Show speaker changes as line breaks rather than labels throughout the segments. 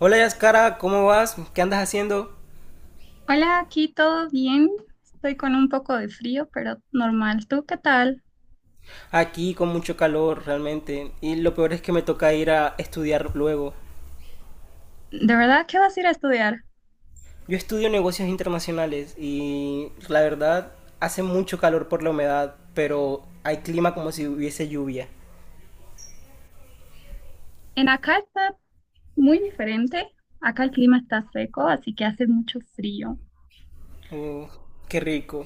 Hola Yaskara, ¿cómo vas? ¿Qué andas haciendo?
Hola, aquí todo bien. Estoy con un poco de frío, pero normal. ¿Tú qué tal?
Aquí con mucho calor realmente y lo peor es que me toca ir a estudiar luego.
¿De verdad qué vas a ir a estudiar?
Yo estudio negocios internacionales y la verdad hace mucho calor por la humedad, pero hay clima como si hubiese lluvia.
En acá está muy diferente. Acá el clima está seco, así que hace mucho frío.
Uh, Qué rico.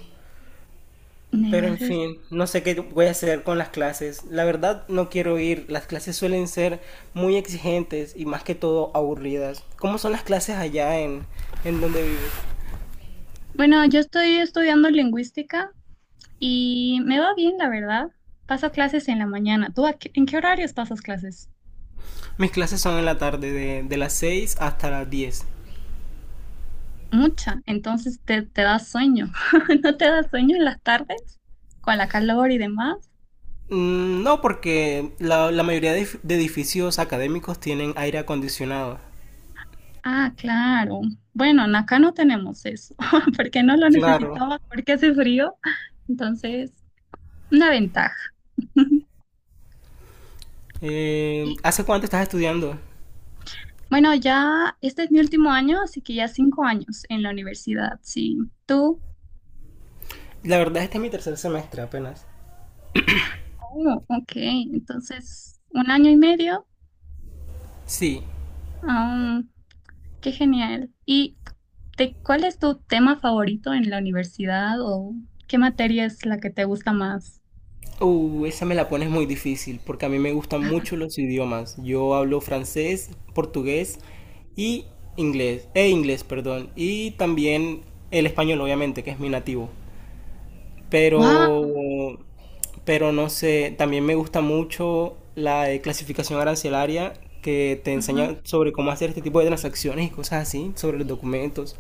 Pero en
Negocios.
fin, no sé qué voy a hacer con las clases. La verdad no quiero ir. Las clases suelen ser muy exigentes y más que todo aburridas. ¿Cómo son las clases allá en donde vives?
Bueno, yo estoy estudiando lingüística y me va bien, la verdad. Paso clases en la mañana. ¿Tú en qué horarios pasas clases?
Mis clases son en la tarde, de las 6 hasta las diez.
Mucha. Entonces te da sueño. ¿No te da sueño en las tardes? Con la calor y demás.
No, porque la mayoría de edificios académicos tienen aire acondicionado.
Ah, claro. Bueno, en acá no tenemos eso, porque no lo
Claro.
necesitaba, porque hace frío. Entonces, una ventaja. Y
¿Hace cuánto estás estudiando?
bueno, ya este es mi último año, así que ya 5 años en la universidad, sí. ¿Tú?
La verdad, este es mi tercer semestre apenas.
Oh, ok, entonces un año y medio.
Sí.
Ah, qué genial. ¿Y cuál es tu tema favorito en la universidad o qué materia es la que te gusta más?
Esa me la pones muy difícil, porque a mí me gustan mucho los idiomas. Yo hablo francés, portugués y inglés. E inglés, perdón. Y también el español, obviamente, que es mi nativo. Pero,
Wow.
pero no sé, también me gusta mucho la de clasificación arancelaria que te enseña sobre cómo hacer este tipo de transacciones y cosas así, sobre los documentos.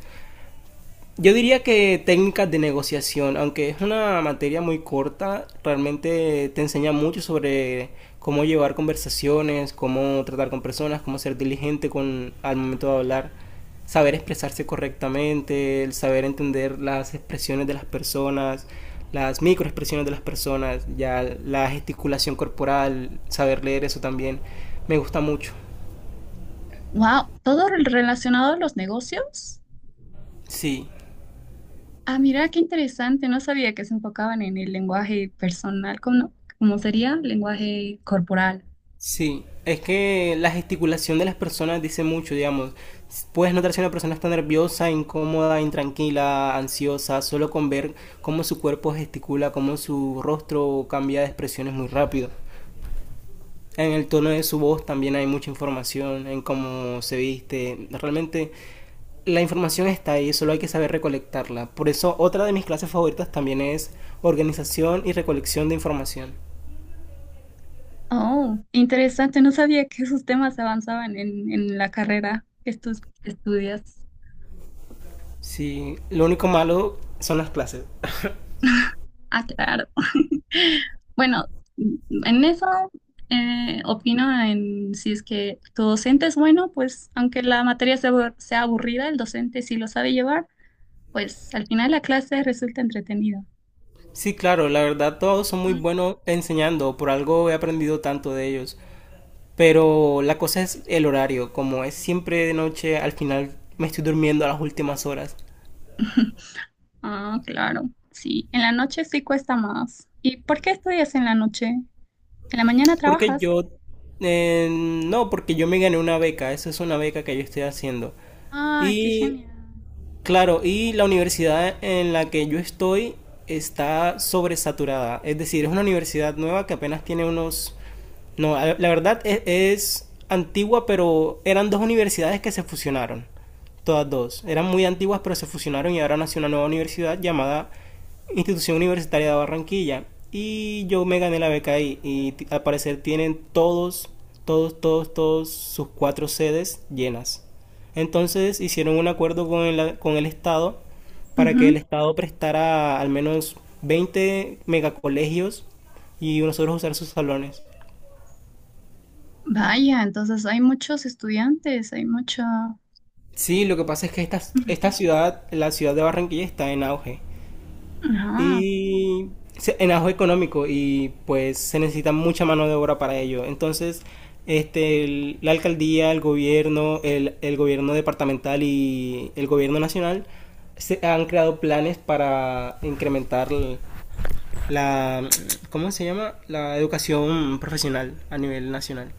Yo diría que técnicas de negociación, aunque es una materia muy corta, realmente te enseña mucho sobre cómo llevar conversaciones, cómo tratar con personas, cómo ser diligente con al momento de hablar, saber expresarse correctamente, el saber entender las expresiones de las personas, las microexpresiones de las personas, ya la gesticulación corporal, saber leer eso también, me gusta mucho.
Wow, todo relacionado a los negocios.
Sí,
Ah, mira, qué interesante. No sabía que se enfocaban en el lenguaje personal, como, cómo sería lenguaje corporal.
sí, es que la gesticulación de las personas dice mucho, digamos. Puedes notar si una persona está nerviosa, incómoda, intranquila, ansiosa, solo con ver cómo su cuerpo gesticula, cómo su rostro cambia de expresiones muy rápido. En el tono de su voz también hay mucha información, en cómo se viste. Realmente la información está ahí, solo hay que saber recolectarla. Por eso otra de mis clases favoritas también es organización y recolección de información.
Oh, interesante. No sabía que esos temas avanzaban en la carrera que tú estudias.
Sí, lo único malo son las clases.
Ah, claro. Bueno, en eso opino en si es que tu docente es bueno, pues aunque la materia sea, sea aburrida, el docente si lo sabe llevar, pues al final la clase resulta entretenida.
Sí, claro, la verdad todos son muy
Mm.
buenos enseñando, por algo he aprendido tanto de ellos. Pero la cosa es el horario, como es siempre de noche, al final me estoy durmiendo a las últimas horas.
Ah, claro, sí. En la noche sí cuesta más. ¿Y por qué estudias en la noche? ¿En la mañana
Porque
trabajas?
yo, no, porque yo me gané una beca, esa es una beca que yo estoy haciendo.
Ah, qué
Y
genial.
Claro, y la universidad en la que yo estoy está sobresaturada. Es decir, es una universidad nueva que apenas tiene unos... No, la verdad es antigua, pero eran dos universidades que se fusionaron. Todas dos. Eran muy antiguas, pero se fusionaron y ahora nació una nueva universidad llamada Institución Universitaria de Barranquilla. Y yo me gané la beca ahí. Al parecer tienen todos sus cuatro sedes llenas. Entonces hicieron un acuerdo con el Estado para que el
Ujú.
Estado prestara al menos 20 megacolegios y nosotros usar sus salones.
Vaya, entonces hay muchos estudiantes, hay mucha...
Sí, lo que pasa es que esta ciudad, la ciudad de Barranquilla, está en auge.
Ah,
Y en auge económico y pues se necesita mucha mano de obra para ello. Entonces, la alcaldía, el gobierno, el gobierno departamental y el gobierno nacional se han creado planes para incrementar la, ¿cómo se llama? La educación profesional a nivel nacional.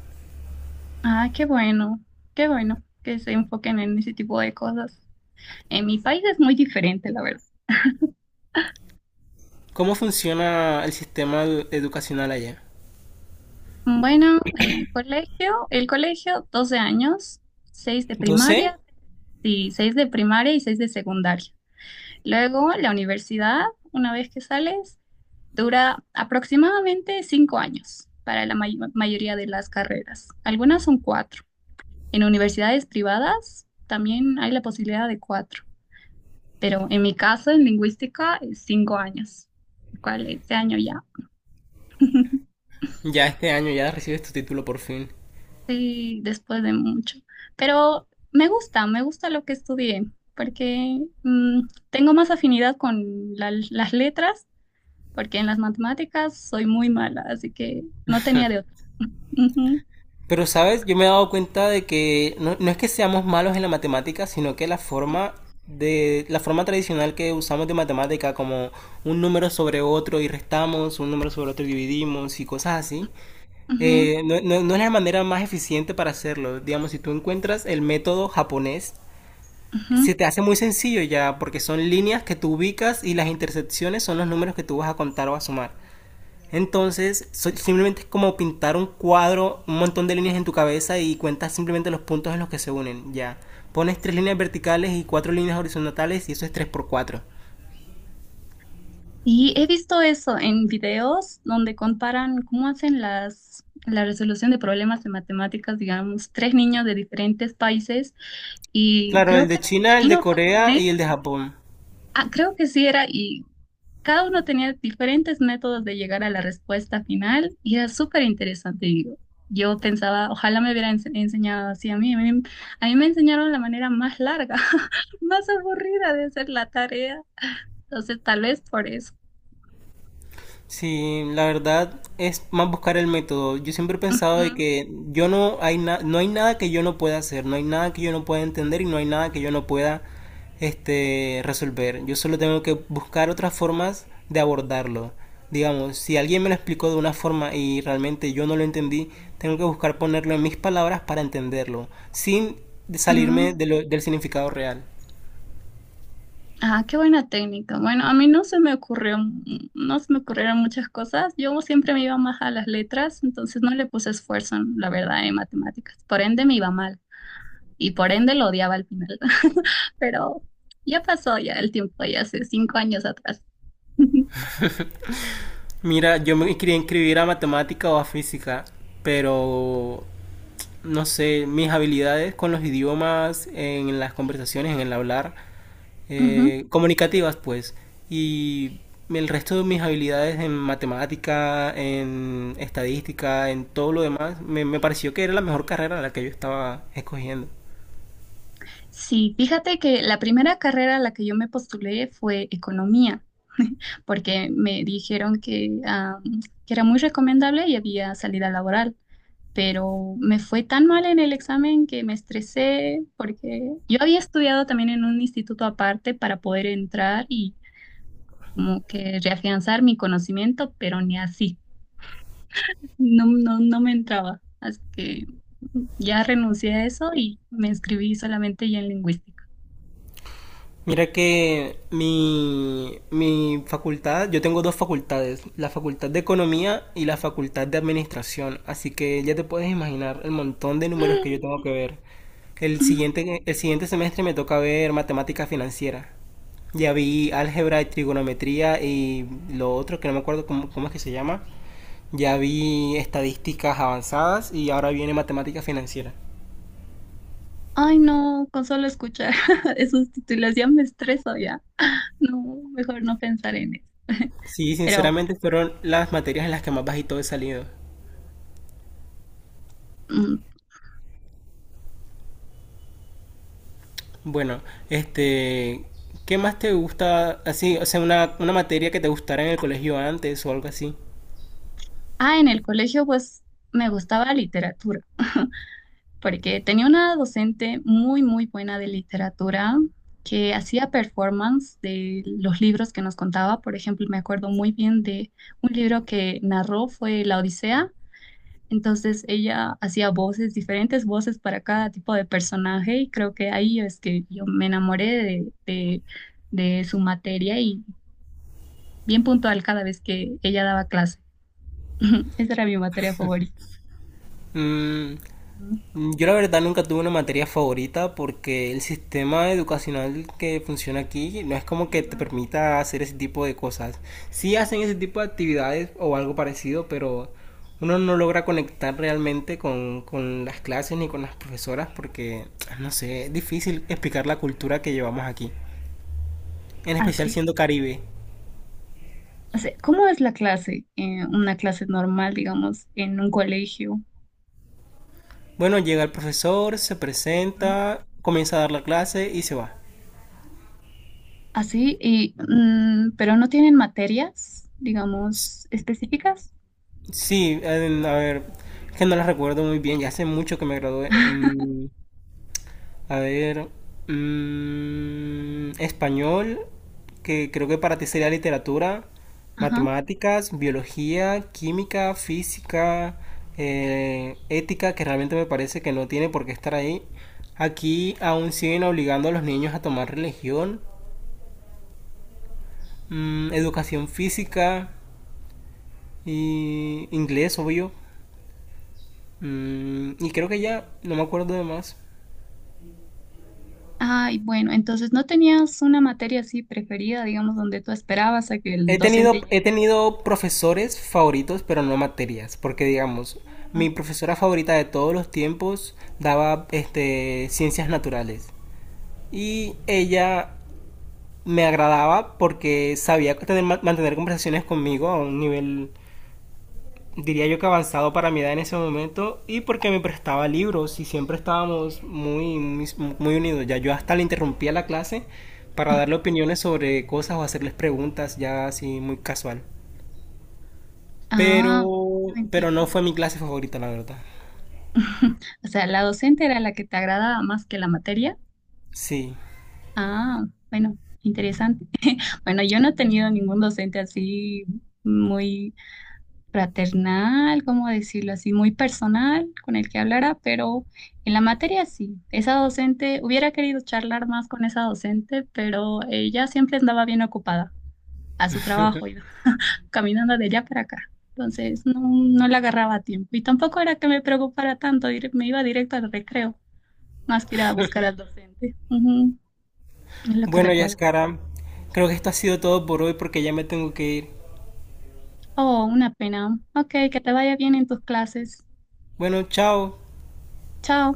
ah, qué bueno que se enfoquen en ese tipo de cosas. En mi país es muy diferente, la verdad.
¿Cómo funciona el sistema educacional allá?
Bueno, el colegio, 12 años, 6 de
12.
primaria, sí, 6 de primaria y 6 de secundaria. Luego, la universidad, una vez que sales, dura aproximadamente 5 años para la mayoría de las carreras. Algunas son cuatro. En universidades privadas también hay la posibilidad de cuatro, pero en mi caso, en lingüística, es 5 años, lo cual este año ya.
Ya este año ya recibes tu título por fin.
Sí, después de mucho. Pero me gusta lo que estudié, porque tengo más afinidad con las letras porque en las matemáticas soy muy mala, así que no tenía de otra. Ujú,
Pero, ¿sabes? Yo me he dado cuenta de que no, no es que seamos malos en la matemática, sino que la forma tradicional que usamos de matemática como un número sobre otro y restamos, un número sobre otro y dividimos y cosas así,
ujú,
no es la manera más eficiente para hacerlo. Digamos, si tú encuentras el método japonés
ujú.
se te hace muy sencillo ya, porque son líneas que tú ubicas y las intersecciones son los números que tú vas a contar o a sumar. Entonces, simplemente es como pintar un cuadro, un montón de líneas en tu cabeza y cuentas simplemente los puntos en los que se unen, ya. Pones tres líneas verticales y cuatro líneas horizontales y eso es 3 por cuatro.
Y he visto eso en videos donde comparan cómo hacen la resolución de problemas de matemáticas, digamos, tres niños de diferentes países y
Claro, el
creo que
de
era
China, el de
chino,
Corea
japonés,
y el de Japón.
ah, creo que sí era y cada uno tenía diferentes métodos de llegar a la respuesta final y era súper interesante, digo. Yo pensaba, ojalá me hubieran enseñado así a mí. A mí me enseñaron la manera más larga, más aburrida de hacer la tarea. Entonces, tal vez por eso.
Sí, la verdad es más buscar el método. Yo siempre he pensado de
Ujú,
que yo no hay nada que yo no pueda hacer, no hay nada que yo no pueda entender y no hay nada que yo no pueda resolver. Yo solo tengo que buscar otras formas de abordarlo. Digamos, si alguien me lo explicó de una forma y realmente yo no lo entendí, tengo que buscar ponerlo en mis palabras para entenderlo, sin salirme
ujú.
del significado real.
Ah, qué buena técnica. Bueno, a mí no se me ocurrió, no se me ocurrieron muchas cosas. Yo siempre me iba más a las letras, entonces no le puse esfuerzo, la verdad, en matemáticas. Por ende, me iba mal y por ende lo odiaba al final. Pero ya pasó ya el tiempo, ya hace 5 años atrás.
Mira, yo me quería inscribir a matemática o a física, pero no sé, mis habilidades con los idiomas, en las conversaciones, en el hablar,
Ujú.
comunicativas, pues. Y el resto de mis habilidades en matemática, en estadística, en todo lo demás, me pareció que era la mejor carrera la que yo estaba escogiendo.
Sí, fíjate que la primera carrera a la que yo me postulé fue economía, porque me dijeron que era muy recomendable y había salida laboral, pero me fue tan mal en el examen que me estresé porque yo había estudiado también en un instituto aparte para poder entrar y como que reafianzar mi conocimiento, pero ni así. No, no, no me entraba. Así que ya renuncié a eso y me inscribí solamente ya en lingüística.
Mira que mi facultad, yo tengo dos facultades, la facultad de economía y la facultad de administración, así que ya te puedes imaginar el montón de números que yo tengo que ver. El siguiente semestre me toca ver matemática financiera. Ya vi álgebra y trigonometría y lo otro que no me acuerdo cómo es que se llama. Ya vi estadísticas avanzadas y ahora viene matemática financiera.
Ay, no, con solo escuchar esos títulos ya me estreso ya. No, mejor no pensar en eso.
Sí,
Pero,
sinceramente fueron las materias en las que más bajito he salido.
mm,
Bueno, este, ¿qué más te gusta así? O sea, una materia que te gustara en el colegio antes o algo así.
ah, en el colegio pues me gustaba literatura. Porque tenía una docente muy, muy buena de literatura que hacía performance de los libros que nos contaba. Por ejemplo, me acuerdo muy bien de un libro que narró fue La Odisea. Entonces ella hacía voces, diferentes voces para cada tipo de personaje y creo que ahí es que yo me enamoré de su materia y bien puntual cada vez que ella daba clase. Esa era mi materia favorita.
Mm,
Ujú.
yo la verdad nunca tuve una materia favorita porque el sistema educacional que funciona aquí no es como que te permita hacer ese tipo de cosas. Sí hacen ese tipo de actividades o algo parecido, pero uno no logra conectar realmente con las clases ni con las profesoras porque, no sé, es difícil explicar la cultura que llevamos aquí, en especial
Así,
siendo Caribe.
o sea, ¿cómo es la clase? Una clase normal, digamos, en un colegio,
Bueno, llega el profesor, se
¿no?
presenta, comienza a dar la clase y se va.
Así, y, pero no tienen materias, digamos, específicas.
Sí, a ver, es que no la recuerdo muy bien, ya hace mucho que me gradué. A ver, español, que creo que para ti sería literatura,
Ajá.
matemáticas, biología, química, física, ética, que realmente me parece que no tiene por qué estar ahí. Aquí aún siguen obligando a los niños a tomar religión, educación física. Y inglés, obvio. Y creo que ya, no me acuerdo de más.
Ay, bueno, entonces no tenías una materia así preferida, digamos, donde tú esperabas a que el
He
docente
tenido,
llegue.
he tenido profesores favoritos, pero no materias, porque digamos,
¿No?
mi profesora favorita de todos los tiempos daba ciencias naturales. Y ella me agradaba porque sabía mantener conversaciones conmigo a un nivel diría yo que avanzado para mi edad en ese momento y porque me prestaba libros y siempre estábamos muy, muy, muy unidos. Ya yo hasta le interrumpía la clase para darle opiniones sobre cosas o hacerles preguntas ya así muy casual.
Ah, no
Pero, pero no
entiendo.
fue mi clase favorita, la verdad.
O sea, la docente era la que te agradaba más que la materia.
Sí.
Ah, bueno, interesante. Bueno, yo no he tenido ningún docente así muy fraternal, como decirlo así, muy personal con el que hablara, pero en la materia sí. Esa docente, hubiera querido charlar más con esa docente, pero ella siempre andaba bien ocupada a su trabajo, iba caminando de allá para acá. Entonces no, no la agarraba a tiempo. Y tampoco era que me preocupara tanto, me iba directo al recreo, más que ir a buscar al docente. Ujú, es lo que
Bueno,
recuerdo.
Yaskara, creo que esto ha sido todo por hoy porque ya me tengo que ir.
Oh, una pena. Ok, que te vaya bien en tus clases.
Bueno, chao.
Chao.